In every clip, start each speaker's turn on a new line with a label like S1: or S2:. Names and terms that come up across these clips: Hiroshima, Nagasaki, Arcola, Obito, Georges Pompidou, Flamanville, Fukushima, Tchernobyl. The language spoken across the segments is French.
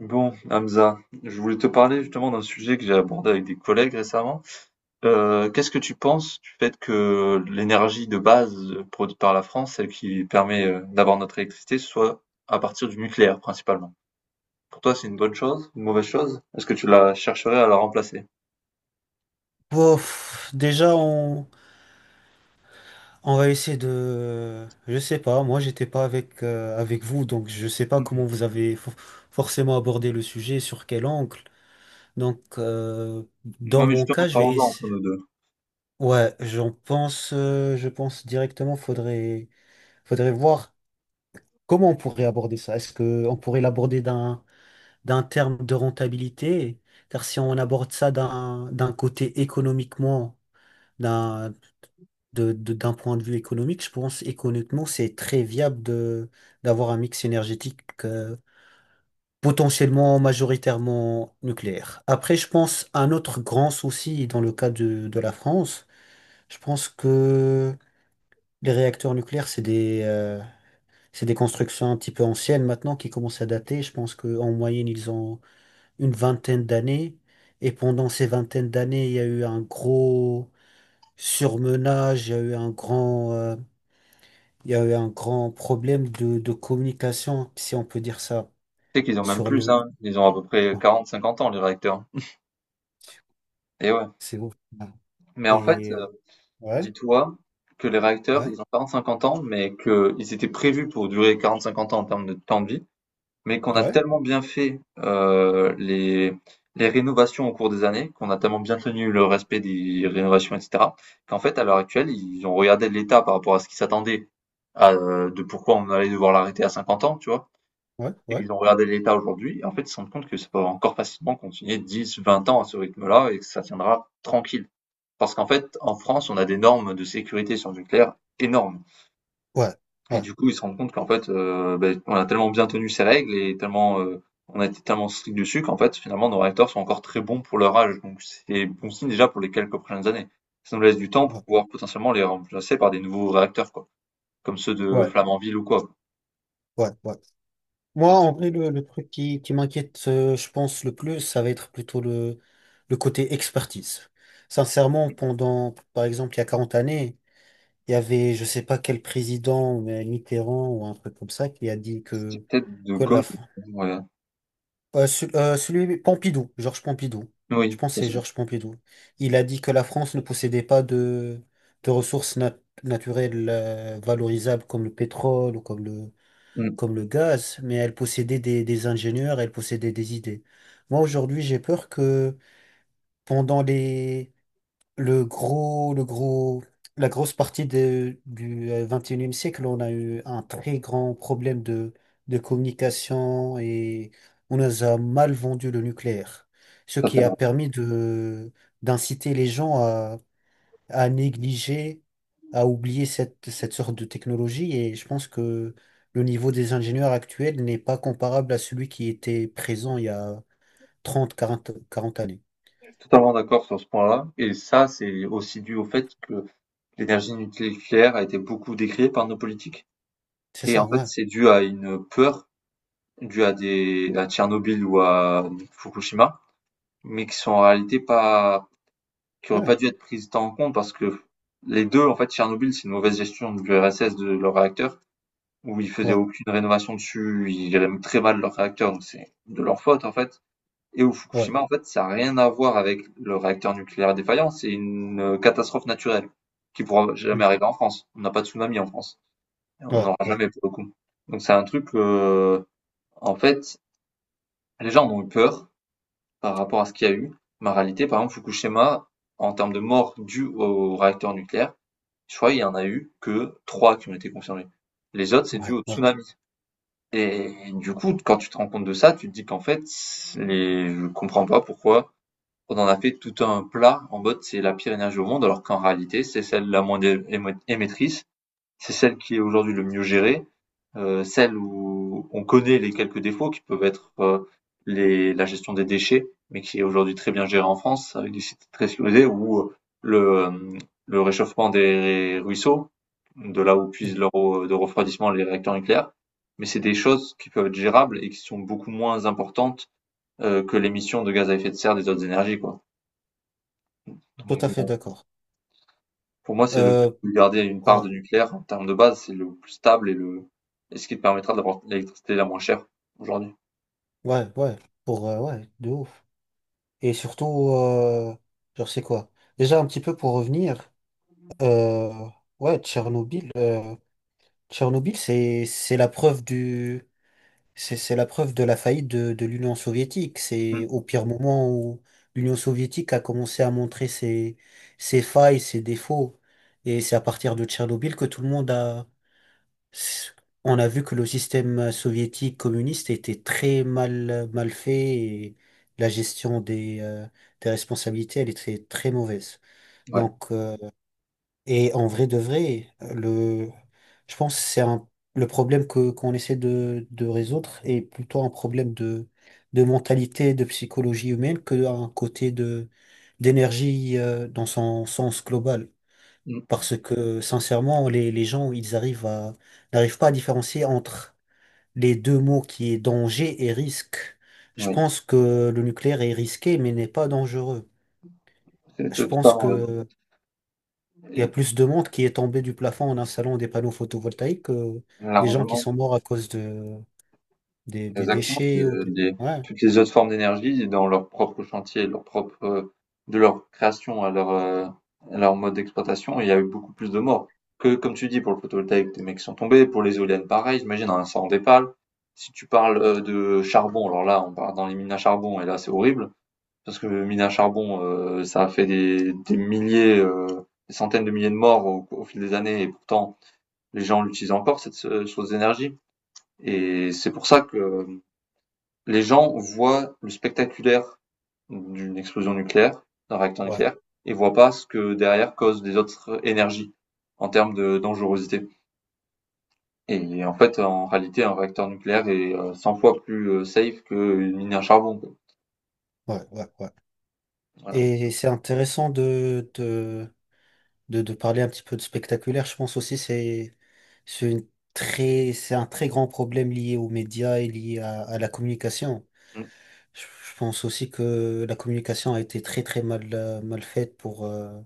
S1: Bon, Hamza, je voulais te parler justement d'un sujet que j'ai abordé avec des collègues récemment. Qu'est-ce que tu penses du fait que l'énergie de base produite par la France, celle qui permet d'avoir notre électricité, soit à partir du nucléaire principalement? Pour toi, c'est une bonne chose, une mauvaise chose? Est-ce que tu la chercherais à la remplacer?
S2: Bof, déjà, on va essayer de... Je sais pas, moi, j'étais pas avec vous, donc je sais pas comment
S1: Mhm.
S2: vous avez forcément abordé le sujet, sur quel angle. Donc,
S1: Non,
S2: dans
S1: mais
S2: mon
S1: justement,
S2: cas, je vais
S1: parlons-en entre
S2: essayer...
S1: nous deux.
S2: Ouais, je pense directement, faudrait voir comment on pourrait aborder ça. Est-ce que on pourrait l'aborder d'un terme de rentabilité? Car si on aborde ça d'un côté économiquement d'un d'un point de vue économique, je pense économiquement, c'est très viable de d'avoir un mix énergétique potentiellement majoritairement nucléaire. Après, je pense un autre grand souci dans le cas de la France, je pense que les réacteurs nucléaires, c'est des constructions un petit peu anciennes maintenant qui commencent à dater. Je pense qu'en moyenne, ils ont une vingtaine d'années. Et pendant ces vingtaines d'années, il y a eu un gros surmenage, il y a eu un grand problème de communication, si on peut dire ça,
S1: Tu sais qu'ils ont même
S2: sur
S1: plus,
S2: le...
S1: hein. Ils ont à peu près
S2: Ouais.
S1: 40-50 ans, les réacteurs. Et ouais.
S2: C'est ouf. Ouais.
S1: Mais en fait,
S2: Et euh, ouais,
S1: dis-toi que les réacteurs,
S2: ouais,
S1: ils ont 40-50 ans, mais qu'ils étaient prévus pour durer 40-50 ans en termes de temps de vie, mais qu'on a
S2: ouais,
S1: tellement bien fait les rénovations au cours des années, qu'on a tellement bien tenu le respect des rénovations, etc., qu'en fait, à l'heure actuelle, ils ont regardé l'état par rapport à ce qu'ils s'attendaient à, de pourquoi on allait devoir l'arrêter à 50 ans, tu vois.
S2: ouais,
S1: Et
S2: ouais,
S1: ils ont regardé l'état aujourd'hui, et en fait, ils se rendent compte que ça peut encore facilement continuer 10, 20 ans à ce rythme-là, et que ça tiendra tranquille. Parce qu'en fait, en France, on a des normes de sécurité sur le nucléaire énormes.
S2: ouais,
S1: Et
S2: ouais,
S1: du coup, ils se rendent compte qu'en fait, ben, on a tellement bien tenu ces règles et tellement, on a été tellement strict dessus qu'en fait, finalement, nos réacteurs sont encore très bons pour leur âge. Donc, c'est bon signe déjà pour les quelques prochaines années. Ça nous laisse du temps pour
S2: ouais,
S1: pouvoir potentiellement les remplacer par des nouveaux réacteurs, quoi, comme ceux de
S2: ouais,
S1: Flamanville ou quoi.
S2: ouais, ouais. Moi,
S1: Donc, c'est
S2: en vrai, le truc qui m'inquiète, je pense, le plus, ça va être plutôt le côté expertise. Sincèrement, pendant, par exemple, il y a 40 années, il y avait, je sais pas quel président, mais Mitterrand ou un truc comme ça, qui a dit
S1: c'est
S2: que,
S1: peut-être de
S2: que la,
S1: gauche. Ouais.
S2: Euh, ce- euh, celui Pompidou, Georges Pompidou. Je
S1: Oui,
S2: pense que c'est
S1: ça,
S2: Georges Pompidou. Il a dit que la France ne possédait pas de ressources naturelles valorisables comme le pétrole ou
S1: Mm.
S2: comme le gaz, mais elle possédait des ingénieurs, elle possédait des idées. Moi, aujourd'hui, j'ai peur que pendant les, le gros, la grosse partie du 21e siècle, on a eu un très grand problème de communication et on nous a mal vendu le nucléaire, ce
S1: ça,
S2: qui a permis d'inciter les gens à négliger, à oublier cette sorte de technologie et je pense que le niveau des ingénieurs actuels n'est pas comparable à celui qui était présent il y a 30, 40 années.
S1: totalement d'accord sur ce point-là. Et ça, c'est aussi dû au fait que l'énergie nucléaire a été beaucoup décriée par nos politiques
S2: C'est
S1: et
S2: ça,
S1: en fait,
S2: ouais.
S1: c'est dû à une peur due à Tchernobyl ou à Fukushima, mais qui sont en réalité pas qui auraient
S2: Ouais,
S1: pas dû être prises tant en compte parce que les deux, en fait, Tchernobyl, c'est une mauvaise gestion de l'URSS de leur réacteur où ils faisaient
S2: ouais,
S1: aucune rénovation dessus, ils géraient même très mal leur réacteur, donc c'est de leur faute en fait. Et au
S2: ouais.
S1: Fukushima, en fait, ça a rien à voir avec le réacteur nucléaire défaillant, c'est une catastrophe naturelle qui pourra jamais
S2: Mmh.
S1: arriver en France. On n'a pas de tsunami en France. On
S2: Ouais,
S1: n'aura
S2: ouais,
S1: jamais pour le coup. Donc c'est un truc, en fait, les gens en ont eu peur par rapport à ce qu'il y a eu. Mais en réalité, par exemple, Fukushima, en termes de morts dues au réacteur nucléaire, je crois qu'il y en a eu que trois qui ont été confirmés. Les autres, c'est dû
S2: ouais,
S1: au
S2: ouais.
S1: tsunami. Et du coup, quand tu te rends compte de ça, tu te dis qu'en fait, je comprends pas pourquoi on en a fait tout un plat en mode c'est la pire énergie au monde, alors qu'en réalité, c'est celle la moins émettrice, c'est celle qui est aujourd'hui le mieux gérée, celle où on connaît les quelques défauts qui peuvent être la gestion des déchets, mais qui est aujourd'hui très bien gérée en France avec des sites très soudés où le, euh, le réchauffement des ruisseaux, de là où puisent
S2: Mm.
S1: leur eau de refroidissement les réacteurs nucléaires, mais c'est des choses qui peuvent être gérables et qui sont beaucoup moins importantes que l'émission de gaz à effet de serre des autres énergies, quoi.
S2: Tout à
S1: Donc,
S2: fait
S1: bon,
S2: d'accord.
S1: pour moi, c'est le but
S2: Euh,
S1: de garder une part
S2: ouais,
S1: de nucléaire en termes de base, c'est le plus stable et ce qui te permettra d'avoir l'électricité la moins chère aujourd'hui.
S2: ouais, ouais. Ouais, de ouf. Et surtout, genre, c'est quoi? Déjà, un petit peu pour revenir, euh, ouais, Tchernobyl, c'est la preuve de la faillite de l'Union soviétique. C'est au pire moment où l'Union soviétique a commencé à montrer ses failles, ses défauts. Et c'est à partir de Tchernobyl que tout le monde On a vu que le système soviétique communiste était très mal, mal fait et la gestion des responsabilités, elle était très mauvaise.
S1: Ouais,
S2: Donc, et en vrai de vrai, je pense que le problème qu'on essaie de résoudre est plutôt un problème de mentalité, de psychologie humaine que un côté d'énergie, dans son sens global.
S1: mmh,
S2: Parce que sincèrement, les gens, n'arrivent pas à différencier entre les deux mots qui est danger et risque. Je
S1: oui,
S2: pense que le nucléaire est risqué, mais n'est pas dangereux.
S1: c'est
S2: Je
S1: c'est
S2: pense
S1: totalement raison.
S2: que il y a
S1: Et
S2: plus de monde qui est tombé du plafond en installant des panneaux photovoltaïques que des gens qui
S1: largement,
S2: sont morts à cause des
S1: exactement,
S2: déchets ou
S1: de
S2: des...
S1: des
S2: Ouais,
S1: toutes les autres formes d'énergie dans leur propre chantier, leur propre, de leur création à leur mode d'exploitation, il y a eu beaucoup plus de morts que, comme tu dis, pour le photovoltaïque, des mecs qui sont tombés, pour les éoliennes, pareil, j'imagine un incendie d'épale. Si tu parles, de charbon, alors là, on part dans les mines à charbon et là, c'est horrible parce que mines à charbon, ça a fait des milliers, des centaines de milliers de morts au fil des années et pourtant les gens l'utilisent encore, cette source d'énergie. Et c'est pour ça que les gens voient le spectaculaire d'une explosion nucléaire, d'un réacteur
S2: ouais,
S1: nucléaire, et voient pas ce que derrière cause des autres énergies en termes de dangerosité. Et en fait, en réalité, un réacteur nucléaire est 100 fois plus safe qu'une mine à charbon.
S2: ouais, ouais, ouais.
S1: Voilà.
S2: Et c'est intéressant de parler un petit peu de spectaculaire, je pense aussi c'est une c'est un très grand problème lié aux médias et lié à la communication. Je pense aussi que la communication a été très très mal mal faite pour euh,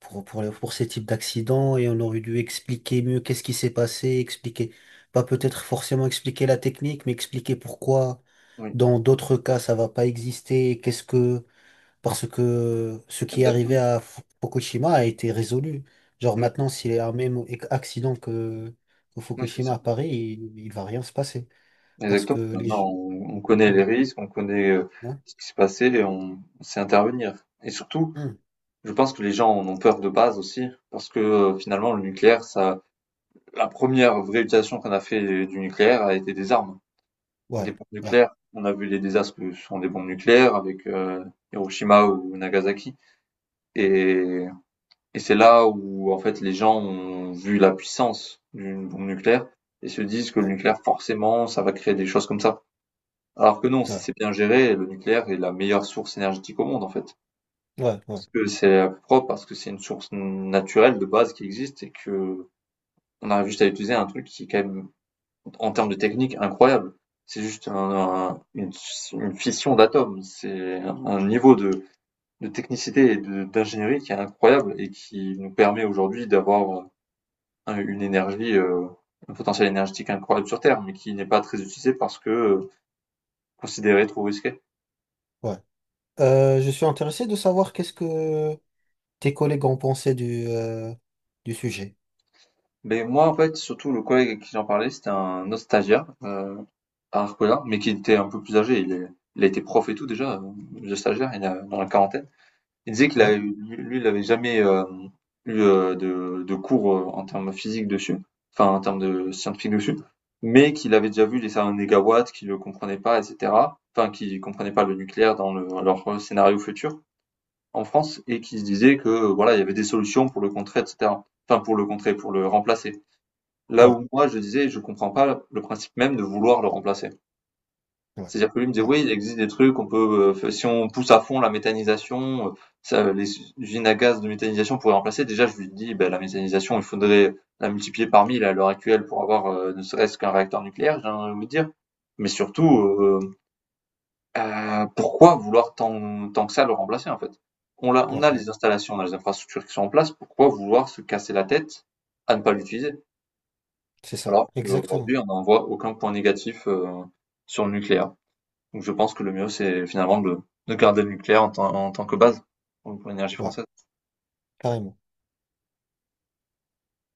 S2: pour pour, les- pour ces types d'accidents et on aurait dû expliquer mieux qu'est-ce qui s'est passé, expliquer pas peut-être forcément expliquer la technique, mais expliquer pourquoi
S1: Oui,
S2: dans d'autres cas ça va pas exister, qu'est-ce que parce que ce qui est arrivé
S1: exactement.
S2: à Fukushima a été résolu. Genre
S1: Oui,
S2: maintenant, s'il y a un même accident que
S1: oui c'est
S2: Fukushima
S1: ça.
S2: à Paris, il va rien se passer. Parce que
S1: Exactement.
S2: les...
S1: Maintenant, on connaît
S2: Hmm.
S1: les risques, on connaît
S2: Ouais,
S1: ce qui s'est passé et on sait intervenir. Et surtout,
S2: hmm,
S1: je pense que les gens en ont peur de base aussi, parce que finalement le nucléaire, ça, la première vraie utilisation qu'on a fait du nucléaire a été des armes, des
S2: ouais,
S1: bombes
S2: ouais,
S1: nucléaires. On a vu les désastres que sont des bombes nucléaires avec Hiroshima ou Nagasaki, et, et c'est là où en fait les gens ont vu la puissance d'une bombe nucléaire et se disent que le
S2: ouais,
S1: nucléaire forcément ça va créer des choses comme ça. Alors que non, si
S2: ouais,
S1: c'est bien géré, le nucléaire est la meilleure source énergétique au monde en fait.
S2: ouais, ouais,
S1: Parce que c'est propre, parce que c'est une source naturelle de base qui existe et que on arrive juste à utiliser un truc qui est quand même, en termes de technique, incroyable. C'est juste un- une, une fission d'atomes. C'est un niveau de technicité et d'ingénierie qui est incroyable et qui nous permet aujourd'hui d'avoir un- une énergie, euh, un potentiel énergétique incroyable sur Terre, mais qui n'est pas très utilisé parce que considéré trop risqué.
S2: ouais. Je suis intéressé de savoir qu'est-ce que tes collègues ont pensé du sujet.
S1: Mais moi, en fait, surtout le collègue avec qui j'en parlais, c'était un autre stagiaire, à Arcola, mais qui était un peu plus âgé. Il a été prof et tout déjà, de stagiaire, dans la quarantaine. Il disait qu'il
S2: Ouais,
S1: avait, lui, il n'avait jamais eu de cours en termes physiques dessus, enfin en termes de scientifiques dessus, mais qu'il avait déjà vu les salles en négawatts, qu'il ne comprenait pas, etc. Enfin, qu'il comprenait pas le nucléaire dans leur scénario futur en France et qu'il se disait que voilà, il y avait des solutions pour le contrer, etc. Enfin, pour le contrer, pour le remplacer. Là
S2: ouais,
S1: où moi, je disais, je comprends pas le principe même de vouloir le remplacer.
S2: ouais,
S1: C'est-à-dire que lui me disait:
S2: ouais,
S1: «Oui, il existe des trucs, on peut, si on pousse à fond la méthanisation, ça les usines à gaz de méthanisation pourraient remplacer». Déjà, je lui dis: ben la méthanisation, il faudrait la multiplier par 1000 à l'heure actuelle pour avoir, ne serait-ce qu'un réacteur nucléaire», j'ai envie de vous dire. Mais surtout, pourquoi vouloir tant tant que ça le remplacer, en fait? On l'a on
S2: ouais,
S1: a
S2: ouais.
S1: les installations, on a les infrastructures qui sont en place, pourquoi vouloir se casser la tête à ne pas l'utiliser?
S2: C'est ça,
S1: Alors
S2: exactement.
S1: qu'aujourd'hui, on n'en voit aucun point négatif, sur le nucléaire. Donc je pense que le mieux, c'est finalement de garder le nucléaire en tant que base pour l'énergie
S2: Ouais,
S1: française.
S2: carrément.